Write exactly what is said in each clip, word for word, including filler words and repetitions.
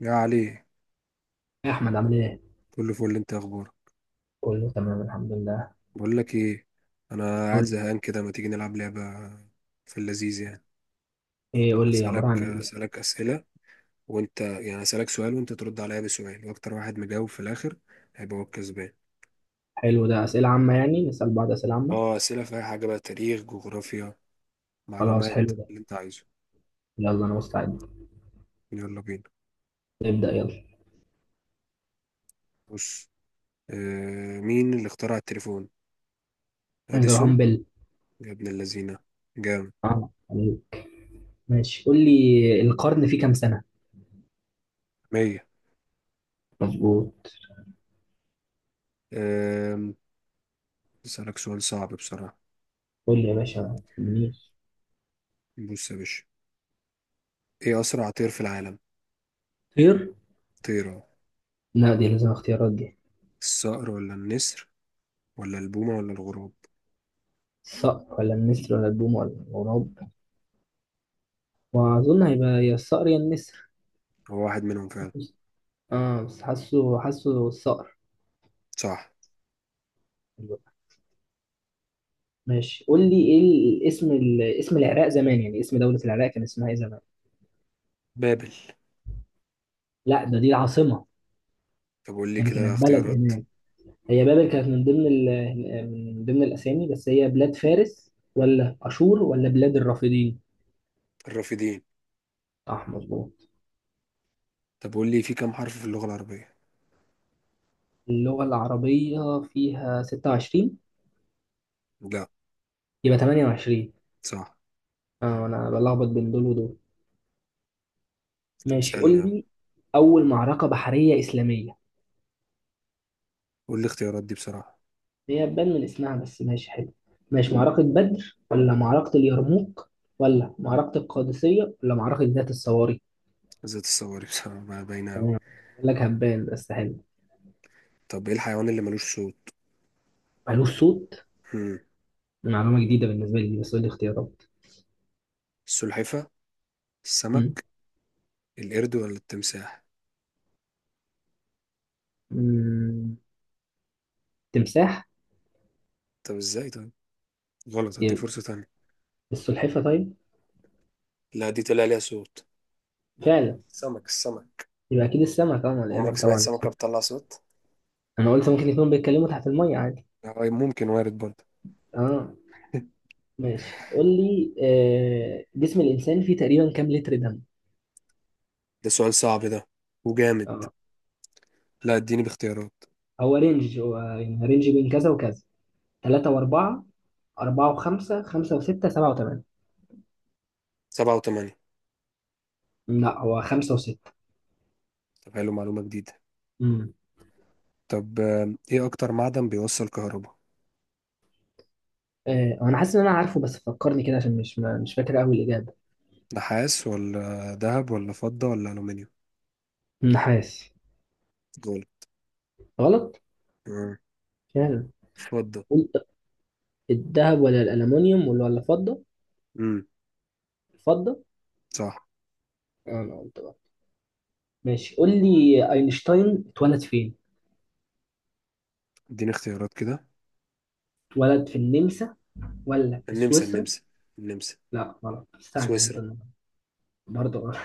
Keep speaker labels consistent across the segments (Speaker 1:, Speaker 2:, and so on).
Speaker 1: يا علي،
Speaker 2: إيه يا احمد، عامل ايه؟
Speaker 1: كله فل. انت إيه اخبارك؟
Speaker 2: كله تمام الحمد لله.
Speaker 1: بقول لك ايه، انا قاعد
Speaker 2: قول لي
Speaker 1: زهقان كده، ما تيجي نلعب لعبه؟ في اللذيذ يعني
Speaker 2: ايه؟ قول لي عباره عن
Speaker 1: اسالك
Speaker 2: ايه؟
Speaker 1: اسئله، وانت يعني اسالك سؤال وانت ترد عليا بسؤال، واكتر واحد مجاوب في الاخر هيبقى هو الكسبان.
Speaker 2: حلو، ده اسئله عامه يعني، نسال بعض اسئله عامه؟
Speaker 1: اه، اسئله في اي حاجه بقى، تاريخ، جغرافيا،
Speaker 2: خلاص،
Speaker 1: معلومات
Speaker 2: حلو ده.
Speaker 1: اللي انت عارفه.
Speaker 2: يلا انا مستعد.
Speaker 1: يلا بينا.
Speaker 2: نبدا، يلا.
Speaker 1: بص، آه مين اللي اخترع التليفون؟
Speaker 2: جراهام
Speaker 1: اديسون؟
Speaker 2: بيل.
Speaker 1: يا ابن اللذينه، جامد.
Speaker 2: اه عليك. ماشي، قول لي القرن فيه كام سنه.
Speaker 1: مية.
Speaker 2: مظبوط.
Speaker 1: آه اسالك سؤال صعب بصراحه.
Speaker 2: قول لي يا باشا منير.
Speaker 1: بص يا باشا، ايه اسرع طير في العالم؟
Speaker 2: طير.
Speaker 1: طيره،
Speaker 2: لا، دي لازم اختيارات دي.
Speaker 1: الصقر ولا النسر ولا البومة ولا الغراب؟
Speaker 2: الصقر ولا النسر ولا البوم ولا الغراب. واظن هيبقى يا الصقر يا النسر.
Speaker 1: هو واحد منهم فعلا.
Speaker 2: اه بس حاسه حاسه الصقر.
Speaker 1: صح.
Speaker 2: ماشي، قول لي ايه ال- اسم ال- اسم العراق زمان، يعني اسم دولة العراق كان اسمها ايه زمان؟
Speaker 1: بابل.
Speaker 2: لا، ده دي العاصمة.
Speaker 1: طب قول لي
Speaker 2: يعني
Speaker 1: كده
Speaker 2: كانت بلد
Speaker 1: اختيارات.
Speaker 2: هناك. هي بابل كانت من ضمن ال- من ضمن الاسامي، بس هي بلاد فارس ولا اشور ولا بلاد الرافدين؟
Speaker 1: الرافدين.
Speaker 2: صح، مظبوط.
Speaker 1: طب قول لي، في كام حرف في اللغة العربية؟
Speaker 2: اللغة العربية فيها ستة وعشرين.
Speaker 1: لا.
Speaker 2: يبقى ثمانية وعشرين. اه انا بلخبط بين دول ودول.
Speaker 1: طب
Speaker 2: ماشي، قول
Speaker 1: اسألني يلا.
Speaker 2: لي اول معركة بحرية اسلامية.
Speaker 1: قول لي اختيارات دي بصراحة.
Speaker 2: هي تبان من اسمها، بس ماشي حلو. ماشي، معركة بدر ولا معركة اليرموك ولا معركة القادسية ولا معركة ذات الصواري؟
Speaker 1: ذات الصواري بصراحة بقى باينة أوي.
Speaker 2: يعني، بقول لك هبان بس حلو.
Speaker 1: طب ايه الحيوان اللي ملوش صوت؟
Speaker 2: مالوش صوت؟ دي معلومة جديدة بالنسبة لي دي، بس قول لي اختيارات.
Speaker 1: السلحفة،
Speaker 2: مم.
Speaker 1: السمك، القرد ولا التمساح؟
Speaker 2: مم. تمساح.
Speaker 1: طب ازاي طيب؟ غلط، هديك
Speaker 2: يبقى
Speaker 1: فرصة تانية.
Speaker 2: السلحفة طيب.
Speaker 1: لا، دي طلع ليها صوت.
Speaker 2: فعلا.
Speaker 1: سمك السمك.
Speaker 2: يبقى أكيد السمك، طبعا
Speaker 1: عمرك
Speaker 2: القرد،
Speaker 1: سمعت
Speaker 2: طبعا
Speaker 1: سمكة
Speaker 2: السمك.
Speaker 1: بتطلع صوت؟
Speaker 2: أنا قلت ممكن يكونوا بيتكلموا تحت المية عادي.
Speaker 1: آه، ممكن وارد برضه.
Speaker 2: اه. ماشي، قول لي آه، جسم الإنسان فيه تقريبا كام لتر دم؟
Speaker 1: ده سؤال صعب ده، وجامد.
Speaker 2: اه.
Speaker 1: لا، اديني باختيارات.
Speaker 2: هو رينج، هو يعني رينج بين كذا وكذا. تلاتة وأربعة، أربعة وخمسة، خمسة وستة، سبعة وتمانية.
Speaker 1: سبعة وثمانية.
Speaker 2: لا، هو خمسة وستة.
Speaker 1: طب حلو، معلومة جديدة.
Speaker 2: امم
Speaker 1: طب آه، ايه أكتر معدن بيوصل كهرباء؟
Speaker 2: آه، هو أنا حاسس إن أنا عارفه، بس فكرني كده عشان مش ما- مش فاكر أوي الإجابة.
Speaker 1: نحاس ولا ذهب ولا فضة ولا ألومنيوم؟
Speaker 2: النحاس.
Speaker 1: جول.
Speaker 2: غلط، فعلا.
Speaker 1: فضة.
Speaker 2: قلت الذهب ولا الألمنيوم ولا ولا الفضة.
Speaker 1: امم.
Speaker 2: الفضة. آه، أنا قلت بقى. ماشي، قول لي أينشتاين اتولد فين؟
Speaker 1: اديني اختيارات كده.
Speaker 2: اتولد في النمسا ولا في
Speaker 1: النمسا،
Speaker 2: سويسرا؟
Speaker 1: النمسا.
Speaker 2: لا، غلط. مستعجل أنت
Speaker 1: سويسرا.
Speaker 2: النهارده. برضه غلط.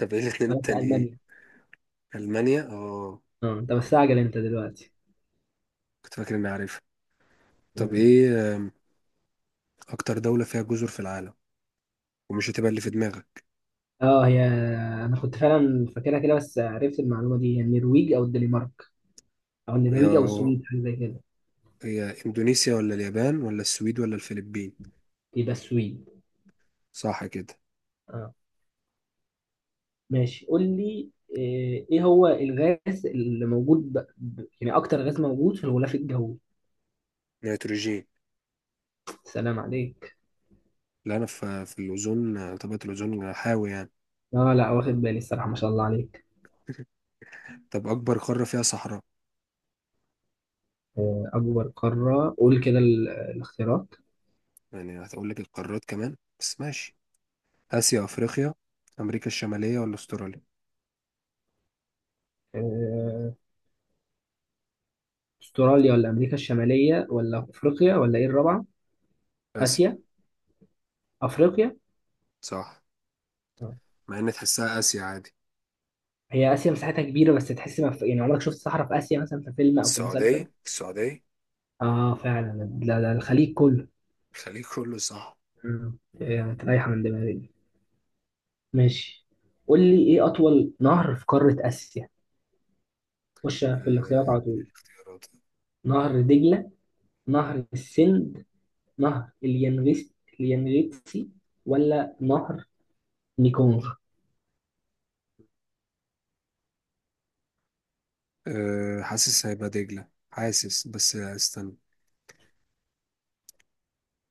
Speaker 1: طب ايه الاتنين
Speaker 2: اتولد في
Speaker 1: التانيين ايه؟
Speaker 2: ألمانيا.
Speaker 1: ألمانيا، اه.
Speaker 2: أه أنت مستعجل أنت دلوقتي.
Speaker 1: كنت فاكر إني عارفها. طب ايه، آه، أكتر دولة فيها جزر في العالم، ومش هتبقى اللي في دماغك؟
Speaker 2: اه هي. انا كنت فعلا فاكرها كده، بس عرفت المعلومه دي، هي النرويج او الدنمارك او
Speaker 1: هي،
Speaker 2: النرويج او السويد، حاجه زي كده.
Speaker 1: هي إندونيسيا ولا اليابان ولا السويد ولا الفلبين؟
Speaker 2: يبقى السويد.
Speaker 1: صح كده.
Speaker 2: اه. ماشي، قول لي آه، ايه هو الغاز اللي موجود ب... ب- يعني اكتر غاز موجود في الغلاف الجوي؟
Speaker 1: نيتروجين.
Speaker 2: سلام عليك.
Speaker 1: لا، أنا في في الأوزون، آه، طبقة الأوزون حاوي يعني.
Speaker 2: اه لا، واخد بالي الصراحه، ما شاء الله عليك.
Speaker 1: طب أكبر قارة فيها صحراء؟
Speaker 2: آه، اكبر قاره، قول كده ال- الاختيارات.
Speaker 1: يعني هتقول لك القارات كمان، بس ماشي. آسيا، أفريقيا، أمريكا الشمالية ولا أستراليا؟
Speaker 2: آه، استراليا ولا امريكا الشماليه ولا افريقيا ولا ايه الرابعه؟
Speaker 1: آسيا.
Speaker 2: اسيا. افريقيا.
Speaker 1: صح، مع إن تحسها آسيا عادي.
Speaker 2: هي آسيا مساحتها كبيرة بس تحس ما في، يعني عمرك شفت صحراء في آسيا مثلا في فيلم أو في مسلسل؟
Speaker 1: السعودية، السعودية.
Speaker 2: آه فعلا، لا لا الخليج كله.
Speaker 1: إيه، كله صح.
Speaker 2: مم. يعني رايحة من دماغي دي. ماشي، قول لي إيه أطول نهر في قارة آسيا؟ خش في الاختيارات
Speaker 1: أه.
Speaker 2: على طول. نهر دجلة، نهر السند، نهر اليانغس، اليانغتسي، ولا نهر ميكونغ.
Speaker 1: أه، حاسس هيبقى دجلة، حاسس، بس استنى.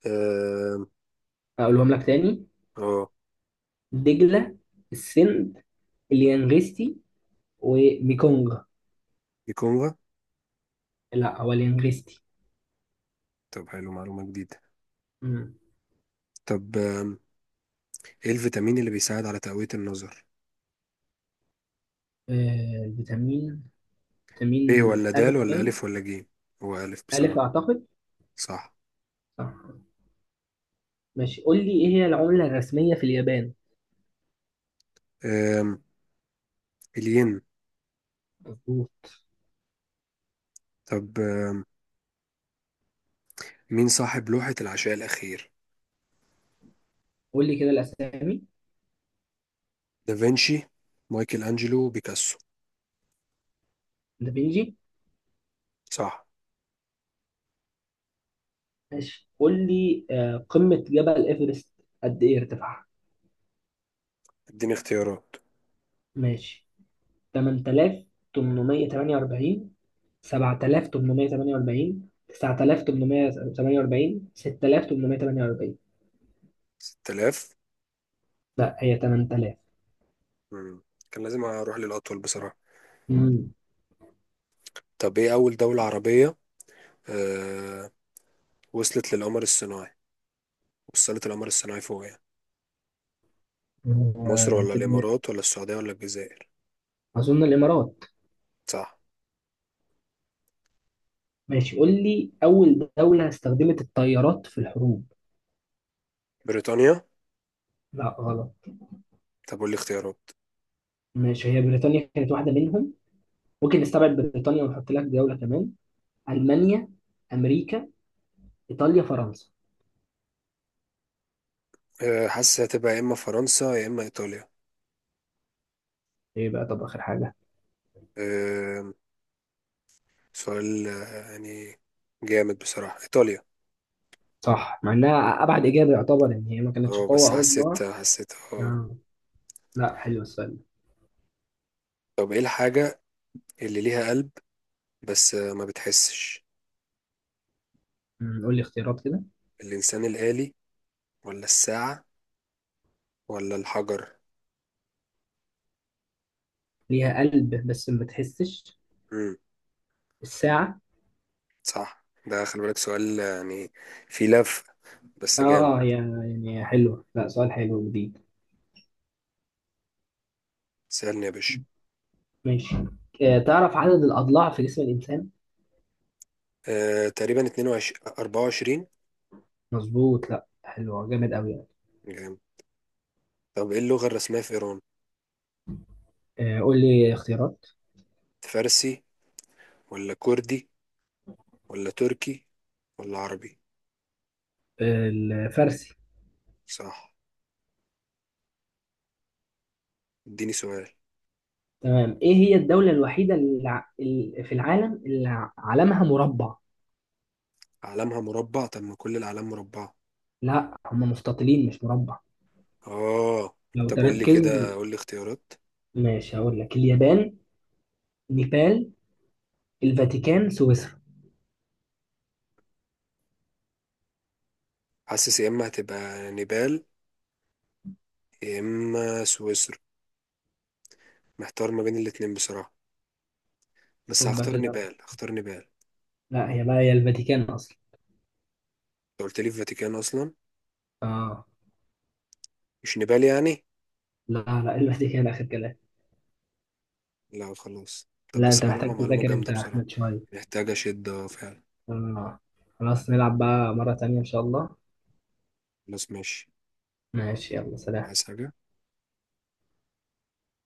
Speaker 1: أه.
Speaker 2: أقولهم لك تاني.
Speaker 1: أه.
Speaker 2: دجلة، السند، اليانغستي، وميكونغ.
Speaker 1: الكونغو.
Speaker 2: لا، هو اليانغستي.
Speaker 1: طب حلو، معلومة جديدة.
Speaker 2: مم.
Speaker 1: طب آم، إيه الفيتامين اللي بيساعد على تقوية النظر؟
Speaker 2: آه الفيتامين.
Speaker 1: ب
Speaker 2: فيتامين
Speaker 1: ولا د
Speaker 2: ألف
Speaker 1: ولا ألف
Speaker 2: باين.
Speaker 1: ولا ج؟ هو ألف
Speaker 2: ألف
Speaker 1: بصراحة.
Speaker 2: أعتقد. صح. ماشي، قول لي إيه هي العملة الرسمية في اليابان.
Speaker 1: أم، الين.
Speaker 2: مظبوط.
Speaker 1: طب مين صاحب لوحة العشاء الأخير؟
Speaker 2: قول لي كده الأسامي.
Speaker 1: دافنشي، مايكل أنجلو، بيكاسو.
Speaker 2: دافينشي.
Speaker 1: صح.
Speaker 2: ماشي، قول لي آه، قمة جبل إيفرست قد إيه ارتفاعها؟
Speaker 1: اديني اختيارات.
Speaker 2: ماشي. ثمانية آلاف وثمنمية وتمنية وأربعين، سبعة آلاف وثمنمية وتمنية وأربعين، تسعة آلاف وثمنمية وتمنية وأربعين، ستة آلاف وثمنمية وتمنية وأربعين.
Speaker 1: ستة آلاف.
Speaker 2: لا، هي ثمانية آلاف.
Speaker 1: مم. كان لازم أروح للأطول بصراحة.
Speaker 2: امم.
Speaker 1: طب إيه أول دولة عربية آه... وصلت للقمر الصناعي، وصلت القمر الصناعي فوق يعني؟
Speaker 2: آه،
Speaker 1: مصر ولا
Speaker 2: هتبقى
Speaker 1: الإمارات ولا السعودية ولا الجزائر؟
Speaker 2: أظن الإمارات.
Speaker 1: صح.
Speaker 2: ماشي، قول لي أول دولة استخدمت الطيارات في الحروب.
Speaker 1: بريطانيا.
Speaker 2: لا، غلط.
Speaker 1: طب قول لي اختيارات.
Speaker 2: ماشي، هي بريطانيا كانت واحدة منهم. ممكن نستبعد بريطانيا ونحط لك دولة كمان. ألمانيا، أمريكا، إيطاليا، فرنسا.
Speaker 1: آه... حاسس هتبقى يا إما فرنسا يا إما إيطاليا.
Speaker 2: إيه بقى، طب آخر حاجة.
Speaker 1: آه... سؤال آه، يعني جامد بصراحة. إيطاليا.
Speaker 2: صح، مع إنها أبعد إجابة، يعتبر إن هي ما
Speaker 1: اه
Speaker 2: كانتش
Speaker 1: بس
Speaker 2: قوة أو
Speaker 1: حسيت
Speaker 2: صداع.
Speaker 1: حسيت- اه.
Speaker 2: آه. لا، حلو السؤال ده.
Speaker 1: طب ايه الحاجة اللي ليها قلب بس ما بتحسش؟
Speaker 2: أمم، قول لي اختيارات كده.
Speaker 1: الإنسان الآلي ولا الساعة ولا الحجر؟
Speaker 2: ليها قلب بس ما تحسش.
Speaker 1: امم.
Speaker 2: الساعة.
Speaker 1: صح. ده خلي بالك، سؤال يعني فيه لف، بس جامد.
Speaker 2: آه، هي يعني حلوة، لا سؤال حلو جديد.
Speaker 1: سألني يا باشا.
Speaker 2: ماشي. آه، تعرف عدد الأضلاع في جسم الإنسان؟
Speaker 1: آه، تقريبا اثنين وعشرين، أربعة وعشرين.
Speaker 2: مظبوط، لا حلوة، جامد قوي يعني.
Speaker 1: طب ايه اللغة الرسمية في إيران؟
Speaker 2: آه، قول لي اختيارات.
Speaker 1: فارسي ولا كردي ولا تركي ولا عربي؟
Speaker 2: الفارسي.
Speaker 1: صح. اديني سؤال.
Speaker 2: تمام، ايه هي الدولة الوحيدة اللي ع- ال- في العالم اللي ع- علمها مربع؟
Speaker 1: علمها مربع؟ طب ما كل الأعلام مربعة.
Speaker 2: لا، هم مستطيلين مش مربع.
Speaker 1: اه.
Speaker 2: لو
Speaker 1: طب قول لي
Speaker 2: تركز.
Speaker 1: كده، قول لي.
Speaker 2: ماشي، هقول لك اليابان، نيبال، الفاتيكان، سويسرا.
Speaker 1: حاسس يا اما هتبقى نيبال يا اما سويسرا، محتار ما بين الاتنين بصراحة. بس
Speaker 2: شوف بقى
Speaker 1: هختار
Speaker 2: كده.
Speaker 1: نيبال، هختار نيبال انت.
Speaker 2: لا، هي بقى هي الفاتيكان اصلا.
Speaker 1: قلت لي الفاتيكان اصلا؟
Speaker 2: اه.
Speaker 1: مش نيبال يعني؟
Speaker 2: لا لا، الفاتيكان اخر كلام.
Speaker 1: لا خلاص، طب
Speaker 2: لا،
Speaker 1: بس
Speaker 2: انت
Speaker 1: معلومة،
Speaker 2: محتاج
Speaker 1: معلومة
Speaker 2: تذاكر انت
Speaker 1: جامدة.
Speaker 2: يا احمد شوية.
Speaker 1: محتاجة شدة فعلا.
Speaker 2: اه. خلاص، نلعب بقى مرة تانية ان شاء الله.
Speaker 1: خلاص ماشي.
Speaker 2: ماشي، يلا سلام.
Speaker 1: عايز حاجة؟